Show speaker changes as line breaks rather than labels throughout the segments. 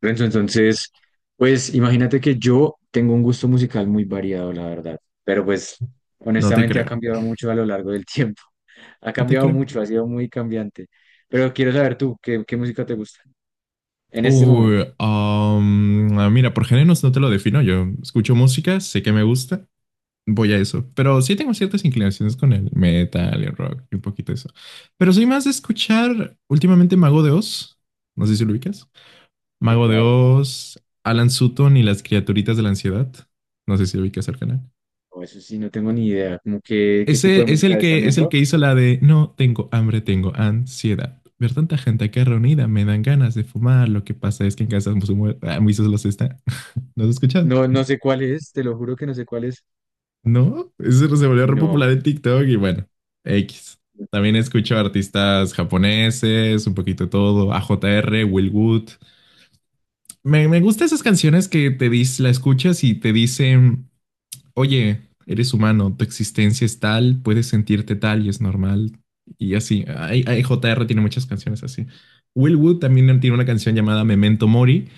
Renzo, entonces, pues imagínate que yo tengo un gusto musical muy variado, la verdad, pero pues
No te
honestamente ha
creo,
cambiado mucho a lo largo del tiempo. Ha
no te
cambiado
creo.
mucho, ha sido muy cambiante. Pero quiero saber tú, ¿qué música te gusta en este momento?
Mira, por géneros no te lo defino. Yo escucho música, sé que me gusta, voy a eso. Pero sí tengo ciertas inclinaciones con el metal, el rock y un poquito eso. Pero soy más de escuchar últimamente Mago de Oz. No sé si lo ubicas.
Sí,
Mago de
claro.
Oz, Alan Sutton y las criaturitas de la ansiedad. No sé si ubicas al canal.
No, eso sí, no tengo ni idea. Como que, ¿qué tipo de
Ese es
música es también
el que
rock?
hizo la de no tengo hambre, tengo ansiedad. Ver tanta gente aquí reunida me dan ganas de fumar. Lo que pasa es que en casa Moisés los está. ¿No has escuchado?
No, no sé cuál es, te lo juro que no sé cuál es.
No, eso se volvió re
No.
popular en TikTok y bueno, X. También escucho artistas japoneses, un poquito todo, A J R Will Wood. Me gustan esas canciones que la escuchas y te dicen oye, eres humano, tu existencia es tal, puedes sentirte tal y es normal. Y así, JR tiene muchas canciones así. Will Wood también tiene una canción llamada Memento Mori,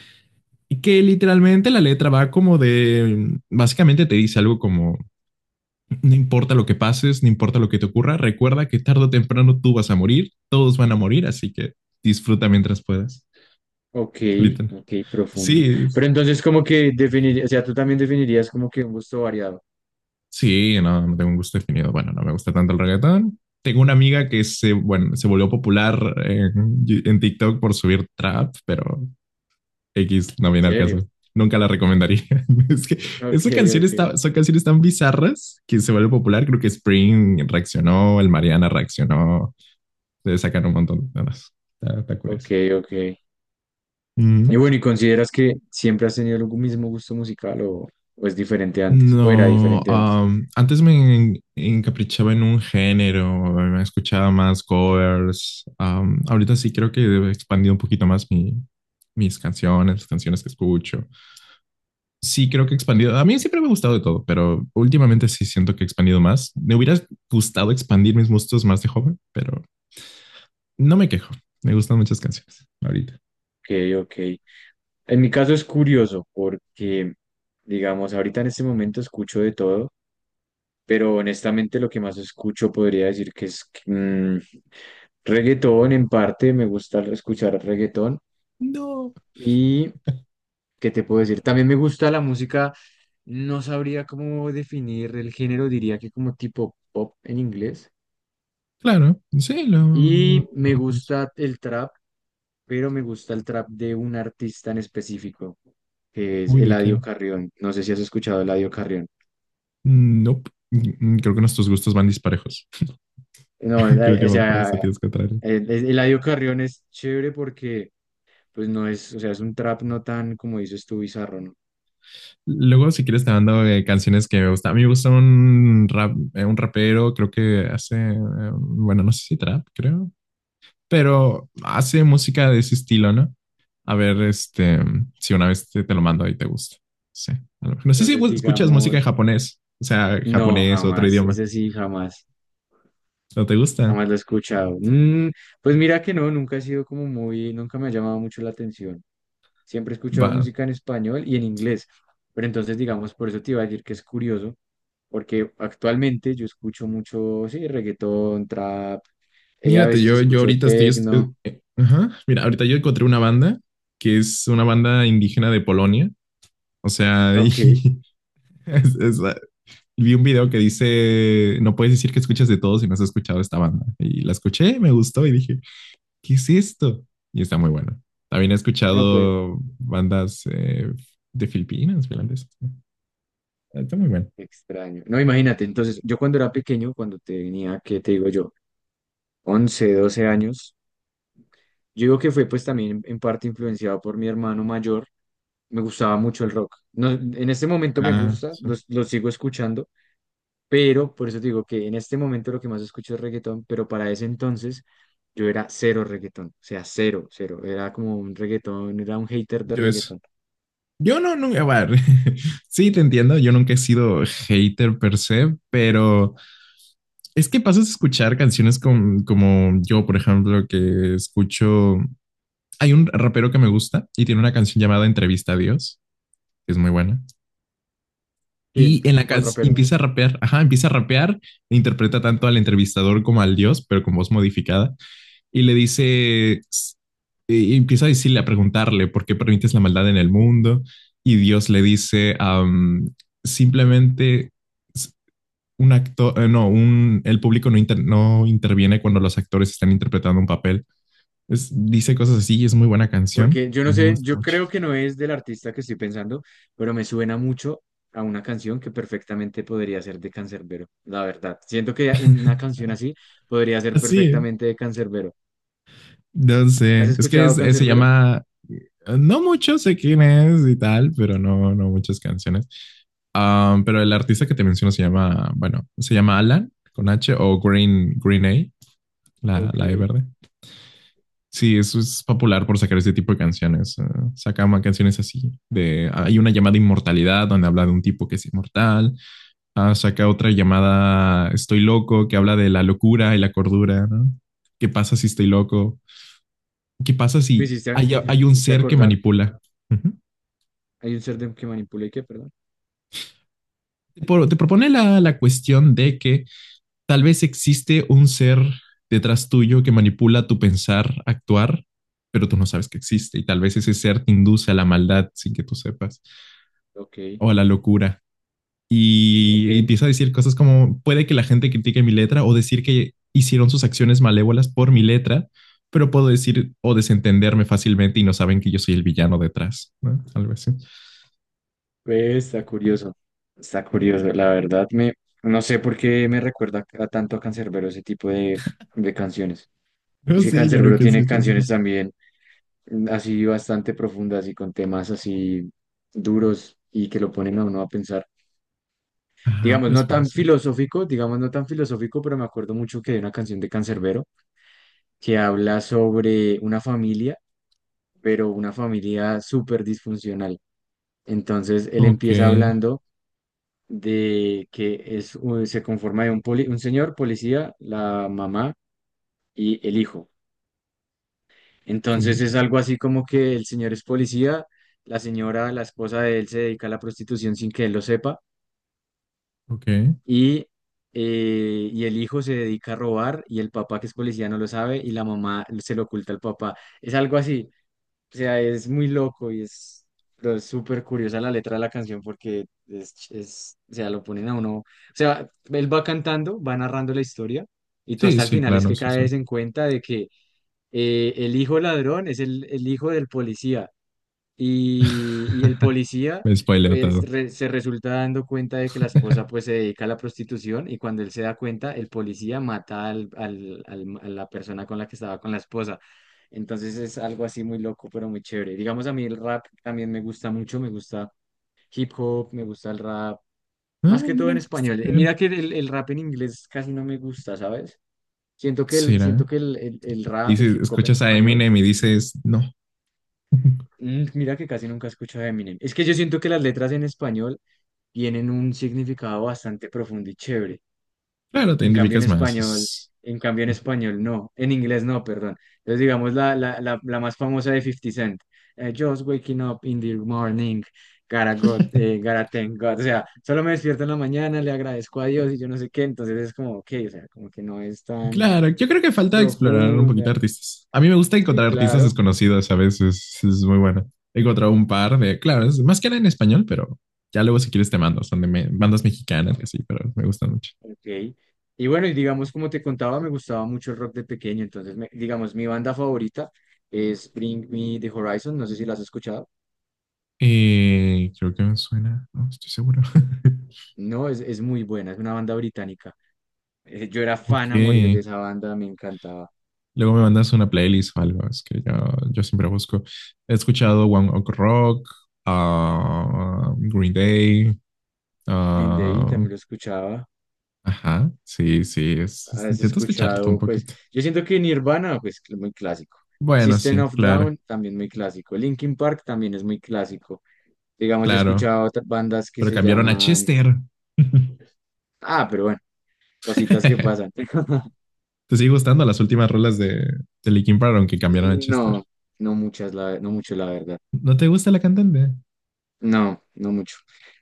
y que literalmente la letra va básicamente te dice algo como, no importa lo que pases, no importa lo que te ocurra, recuerda que tarde o temprano tú vas a morir, todos van a morir, así que disfruta mientras puedas.
Ok,
Literal.
ok, profundo.
Sí,
Pero entonces como que definiría, o sea, tú también definirías como que un gusto variado.
sí, no, no tengo un gusto definido. Bueno, no me gusta tanto el reggaetón. Tengo una amiga que se volvió popular en TikTok por subir trap, pero X no
¿En
viene al caso.
serio?
Nunca la recomendaría. Es que
Ok,
esa canción
ok.
está, son canciones tan bizarras que se vuelve popular. Creo que Spring reaccionó, el Mariana reaccionó. Se sacan un montón de cosas. Está
Ok,
curioso.
ok. Y bueno, ¿y consideras que siempre has tenido el mismo gusto musical o es diferente antes? ¿O era
No,
diferente antes?
antes encaprichaba en un género, me escuchaba más covers. Ahorita sí creo que he expandido un poquito más mis canciones, las canciones que escucho. Sí creo que he expandido. A mí siempre me ha gustado de todo, pero últimamente sí siento que he expandido más. Me hubiera gustado expandir mis gustos más de joven, pero no me quejo, me gustan muchas canciones ahorita.
Ok, ok. En mi caso es curioso porque, digamos, ahorita en este momento escucho de todo, pero honestamente lo que más escucho podría decir que es reggaetón. En parte me gusta escuchar reggaetón
No,
y, ¿qué te puedo decir? También me gusta la música, no sabría cómo definir el género, diría que como tipo pop en inglés.
claro, sí,
Y me gusta el trap, pero me gusta el trap de un artista en específico, que es
Uy, ¿de qué?
Eladio Carrión. No sé si has escuchado a Eladio Carrión.
Nope. Creo que nuestros gustos van disparejos.
No,
Creo que
o
va por
sea,
sentidos contrarios.
Eladio Carrión es chévere porque pues no es, o sea, es un trap no tan, como dices tú, bizarro, ¿no?
Luego, si quieres, te mando canciones que me gustan. A mí me gusta un rap, un rapero, creo que hace, eh, bueno, no sé si trap, creo. Pero hace música de ese estilo, ¿no? A ver, este, si una vez te lo mando y te gusta. Sí. A lo mejor. No sé si
Entonces,
escuchas música en
digamos,
japonés, o sea,
no,
japonés, otro
jamás,
idioma.
ese sí, jamás.
¿No te gusta?
Jamás lo he escuchado. Pues mira que no, nunca he sido como muy, nunca me ha llamado mucho la atención. Siempre he escuchado
Va.
música en español y en inglés. Pero entonces, digamos, por eso te iba a decir que es curioso, porque actualmente yo escucho mucho, sí, reggaetón, trap, a
Mírate,
veces
yo
escucho
ahorita estoy...
tecno.
ajá. Mira, ahorita yo encontré una banda que es una banda indígena de Polonia. O sea, y
Ok,
es- es- ah, vi un video que dice, no puedes decir que escuchas de todo si no has escuchado esta banda. Y la escuché, me gustó y dije, ¿qué es esto? Y está muy bueno. También he
no, pero
escuchado bandas de Filipinas, finlandesas. Está muy bueno.
extraño. No, imagínate, entonces, yo cuando era pequeño, cuando tenía, ¿qué te digo yo? 11, 12 años, yo digo que fue pues también en parte influenciado por mi hermano mayor. Me gustaba mucho el rock. No, en este momento me
Ah,
gusta,
sí.
lo sigo escuchando, pero por eso te digo que en este momento lo que más escucho es reggaetón, pero para ese entonces yo era cero reggaetón, o sea, cero, cero. Era como un reggaetón, era un hater de
Yo eso.
reggaetón.
Yo no, nunca, bueno, sí, te entiendo, yo nunca he sido hater per se, pero es que pasas a escuchar canciones como yo, por ejemplo, hay un rapero que me gusta y tiene una canción llamada Entrevista a Dios, que es muy buena.
¿Quién?
Y en la
¿Cuál
canción
rapero?
empieza a rapear, ajá, empieza a rapear, e interpreta tanto al entrevistador como al dios, pero con voz modificada, y le dice, y empieza a decirle, a preguntarle, ¿por qué permites la maldad en el mundo? Y Dios le dice, simplemente un actor, un, el público no interviene cuando los actores están interpretando un papel. Es, dice cosas así y es muy buena canción.
Porque yo no
Me
sé,
gusta
yo
mucho.
creo que no es del artista que estoy pensando, pero me suena mucho a una canción que perfectamente podría ser de Canserbero, la verdad. Siento que una canción así podría ser
Así,
perfectamente de Canserbero.
no
¿Has
sé, es que
escuchado
se
Canserbero?
llama no mucho, sé quién es y tal, pero no, no muchas canciones. Pero el artista que te menciono se llama, bueno, se llama Alan con H o Green, Green A,
Ok.
la E verde. Sí, eso es popular por sacar ese tipo de canciones. Sacamos canciones así. De, hay una llamada Inmortalidad donde habla de un tipo que es inmortal. Ah, saca otra llamada Estoy loco que habla de la locura y la cordura. ¿No? ¿Qué pasa si estoy loco? ¿Qué pasa
Me
si
hiciste, a-
hay
me
un
hiciste
ser que
acordar.
manipula? Uh -huh.
Hay un ser que manipula y que, perdón.
Por, te propone la cuestión de que tal vez existe un ser detrás tuyo que manipula tu pensar, actuar, pero tú no sabes que existe y tal vez ese ser te induce a la maldad sin que tú sepas
Ok,
o a la locura. Y,
ok.
y empieza a decir cosas como puede que la gente critique mi letra o decir que hicieron sus acciones malévolas por mi letra, pero puedo decir o desentenderme fácilmente y no saben que yo soy el villano detrás, ¿no? Algo así.
Pues está curioso. Está curioso, la verdad. No sé por qué me recuerda a tanto a Canserbero ese tipo de canciones.
No
Es que
sé, yo
Canserbero
nunca he
tiene
escuchado
canciones
eso.
también así bastante profundas y con temas así duros y que lo ponen a uno a pensar.
Ajá,
Digamos,
pues
no
puede
tan
ser.
filosófico, digamos, no tan filosófico, pero me acuerdo mucho que hay una canción de Canserbero que habla sobre una familia pero una familia súper disfuncional. Entonces él
Ok,
empieza hablando de que se conforma de un señor policía, la mamá y el hijo.
ok,
Entonces
ok.
es algo así como que el señor es policía, la señora, la esposa de él se dedica a la prostitución sin que él lo sepa
Ok.
y, y el hijo se dedica a robar y el papá que es policía no lo sabe y la mamá se lo oculta al papá. Es algo así. O sea, es muy loco y es, pero es súper curiosa la letra de la canción porque es, o sea, lo ponen a uno. O sea, él va cantando, va narrando la historia y tú
Sí,
hasta el
sí,
final es
claro,
que
sí, sí.
caes en cuenta de que el hijo ladrón es el hijo del policía y el policía
Me spoileo
que es-
todo.
re- se resulta dando cuenta de que la esposa pues se dedica a la prostitución y cuando él se da cuenta, el policía mata a la persona con la que estaba con la esposa. Entonces es algo así muy loco, pero muy chévere. Digamos, a mí el rap también me gusta mucho, me gusta hip hop, me gusta el rap,
Ah,
más que todo
mira,
en
está
español. Y
bien.
mira que el rap en inglés casi no me gusta, ¿sabes? Siento que el,
¿Será?
siento que el, el el
Y
rap,
si
el hip hop en
escuchas a
español.
Eminem y dices, no,
Mira que casi nunca escucho a Eminem. Es que yo siento que las letras en español tienen un significado bastante profundo y chévere.
claro, te
En cambio en
identificas más.
español,
Es-
en cambio en español no, en inglés no, perdón. Entonces digamos la más famosa de Fifty Cent, Just waking up in the morning, gotta, gotta thank God. O sea, solo me despierto en la mañana, le agradezco a Dios y yo no sé qué. Entonces es como, ok, o sea, como que no es tan
Claro, yo creo que falta explorar un poquito
profunda.
artistas. A mí me gusta
Sí,
encontrar artistas
claro.
desconocidos a veces, es muy bueno. He encontrado un par de, claro, es más que nada en español, pero ya luego si quieres te mando, son de bandas mexicanas y así, pero me gustan mucho.
Ok. Y bueno, y digamos, como te contaba, me gustaba mucho el rock de pequeño. Entonces, digamos, mi banda favorita es Bring Me the Horizon. No sé si la has escuchado.
Creo que me suena, no estoy seguro.
No, es muy buena. Es una banda británica. Yo era
Ok,
fan a morir de esa banda. Me encantaba.
luego me mandas una playlist o algo, es que yo siempre busco. He escuchado One Ok Rock, ah, Green Day,
Green Day
ah,
también lo escuchaba.
ajá, sí, sí,
Has
intento escucharte un
escuchado, pues,
poquito.
yo siento que Nirvana, pues, muy clásico.
Bueno,
System
sí,
of
claro,
Down, también muy clásico. Linkin Park también es muy clásico. Digamos, yo he
claro,
escuchado otras bandas que
pero
se
cambiaron a
llaman.
Chester.
Ah, pero bueno, cositas que pasan.
¿Te sigue gustando las últimas rolas de Linkin Park, aunque cambiaron a
Mm,
Chester?
No, no muchas, no mucho, la verdad.
¿No te gusta la cantante?
No, no mucho.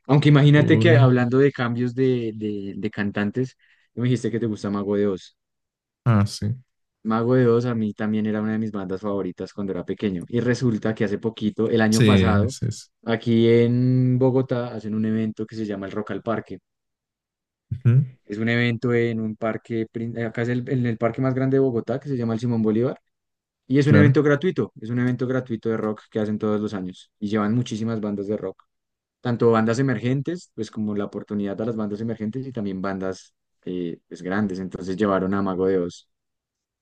Aunque imagínate que
Uy,
hablando de cambios de cantantes, tú me dijiste que te gusta Mago de Oz.
ah, sí,
Mago de Oz a mí también era una de mis bandas favoritas cuando era pequeño. Y resulta que hace poquito, el año
sí,
pasado,
sí, sí.
aquí en Bogotá hacen un evento que se llama el Rock al Parque.
Ujú,
Es un evento en un parque, acá es en el parque más grande de Bogotá, que se llama el Simón Bolívar. Y es un evento
claro,
gratuito, es un evento gratuito de rock que hacen todos los años y llevan muchísimas bandas de rock. Tanto bandas emergentes, pues como la oportunidad a las bandas emergentes y también bandas pues grandes. Entonces llevaron a Mago de Oz,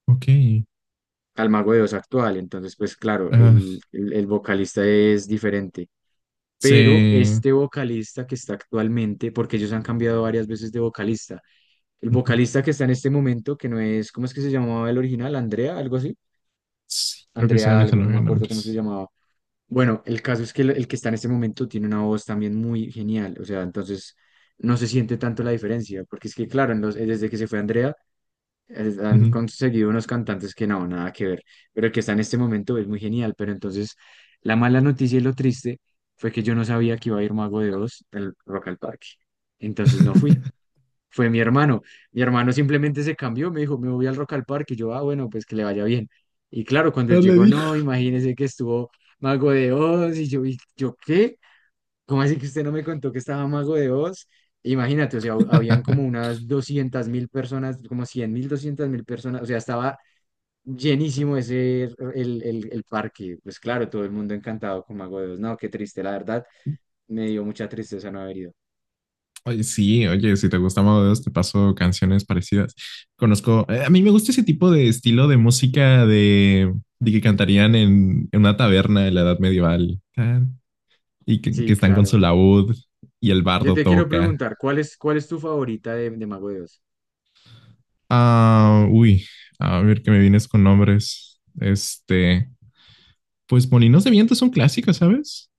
ok.
al Mago de Oz actual. Entonces, pues claro, el,
Ah,
el, el vocalista es diferente. Pero
sí,
este vocalista que está actualmente, porque ellos han cambiado varias veces de vocalista, el
ujú.
vocalista que está en este momento, que no es, ¿cómo es que se llamaba el original? Andrea, algo así.
Sí, creo que sí,
Andrea
ahorita
algo,
no
no me
veo
acuerdo cómo se
nombres.
llamaba. Bueno, el caso es que el que está en este momento tiene una voz también muy genial, o sea, entonces no se siente tanto la diferencia, porque es que, claro, desde que se fue Andrea, han
Ujú.
conseguido unos cantantes que no, nada que ver, pero el que está en este momento es muy genial, pero entonces la mala noticia y lo triste fue que yo no sabía que iba a ir Mago de Oz al Rock al Parque, entonces no fui, fue mi hermano. Mi hermano simplemente se cambió, me dijo, me voy al Rock al Parque. Y yo, ah, bueno, pues que le vaya bien. Y claro, cuando
No
él
le
llegó,
dije.
no, imagínese que estuvo Mago de Oz. ¿Y yo qué? ¿Cómo así que usted no me contó que estaba Mago de Oz? Imagínate, o sea, habían como unas 200.000 personas, como 100.000, 200.000 personas. O sea, estaba llenísimo el parque. Pues claro, todo el mundo encantado con Mago de Oz. No, qué triste, la verdad, me dio mucha tristeza no haber ido.
Oye, sí, oye, si te gusta Mago de Dios, te paso canciones parecidas. Conozco, a mí me gusta ese tipo de estilo de música de que cantarían en una taberna de la Edad Medieval tan, y que
Sí,
están con su
claro.
laúd y el
Yo
bardo
te quiero
toca.
preguntar, ¿cuál es tu favorita de Mago de Oz?
Ah, uy, a ver que me vienes con nombres. Este, pues Molinos de Viento es un clásico, ¿sabes?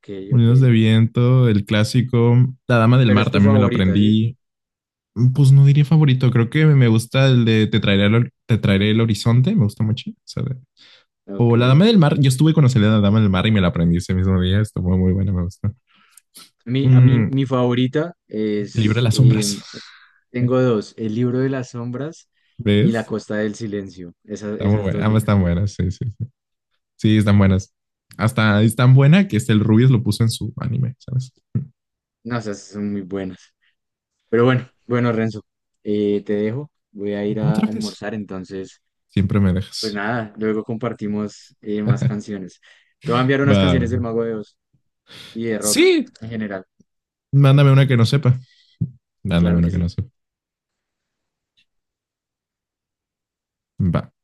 Ok, ok.
Molinos de Viento, el clásico. La Dama del
Pero es
Mar
tu
también me lo
favorita, ¿sí?
aprendí. Pues no diría favorito, creo que me gusta el de te traeré el horizonte, me gusta mucho. O La Dama
Ok.
del Mar, yo estuve con la salida de La Dama del Mar y me la aprendí ese mismo día, estuvo muy buena, me gustó.
A mí,
Mm,
mi favorita
el libro de las sombras.
tengo dos, El libro de las sombras y La
¿Ves?
costa del silencio. Esas,
Está muy
esas dos
buena,
me
ambas están
encantan.
buenas, sí, sí, sí. Sí, están buenas. Hasta es tan buena que este el Rubius lo puso en su anime, ¿sabes?
No, esas son muy buenas. Pero bueno, bueno, Renzo, te dejo. Voy a ir a
Otra vez,
almorzar, entonces,
siempre me
pues
dejas.
nada, luego compartimos más canciones. Te voy a enviar unas
Va.
canciones del Mago de Oz y de rock
Sí,
en general.
mándame una que no sepa. Mándame
Claro que
una que
sí.
no sepa. Va.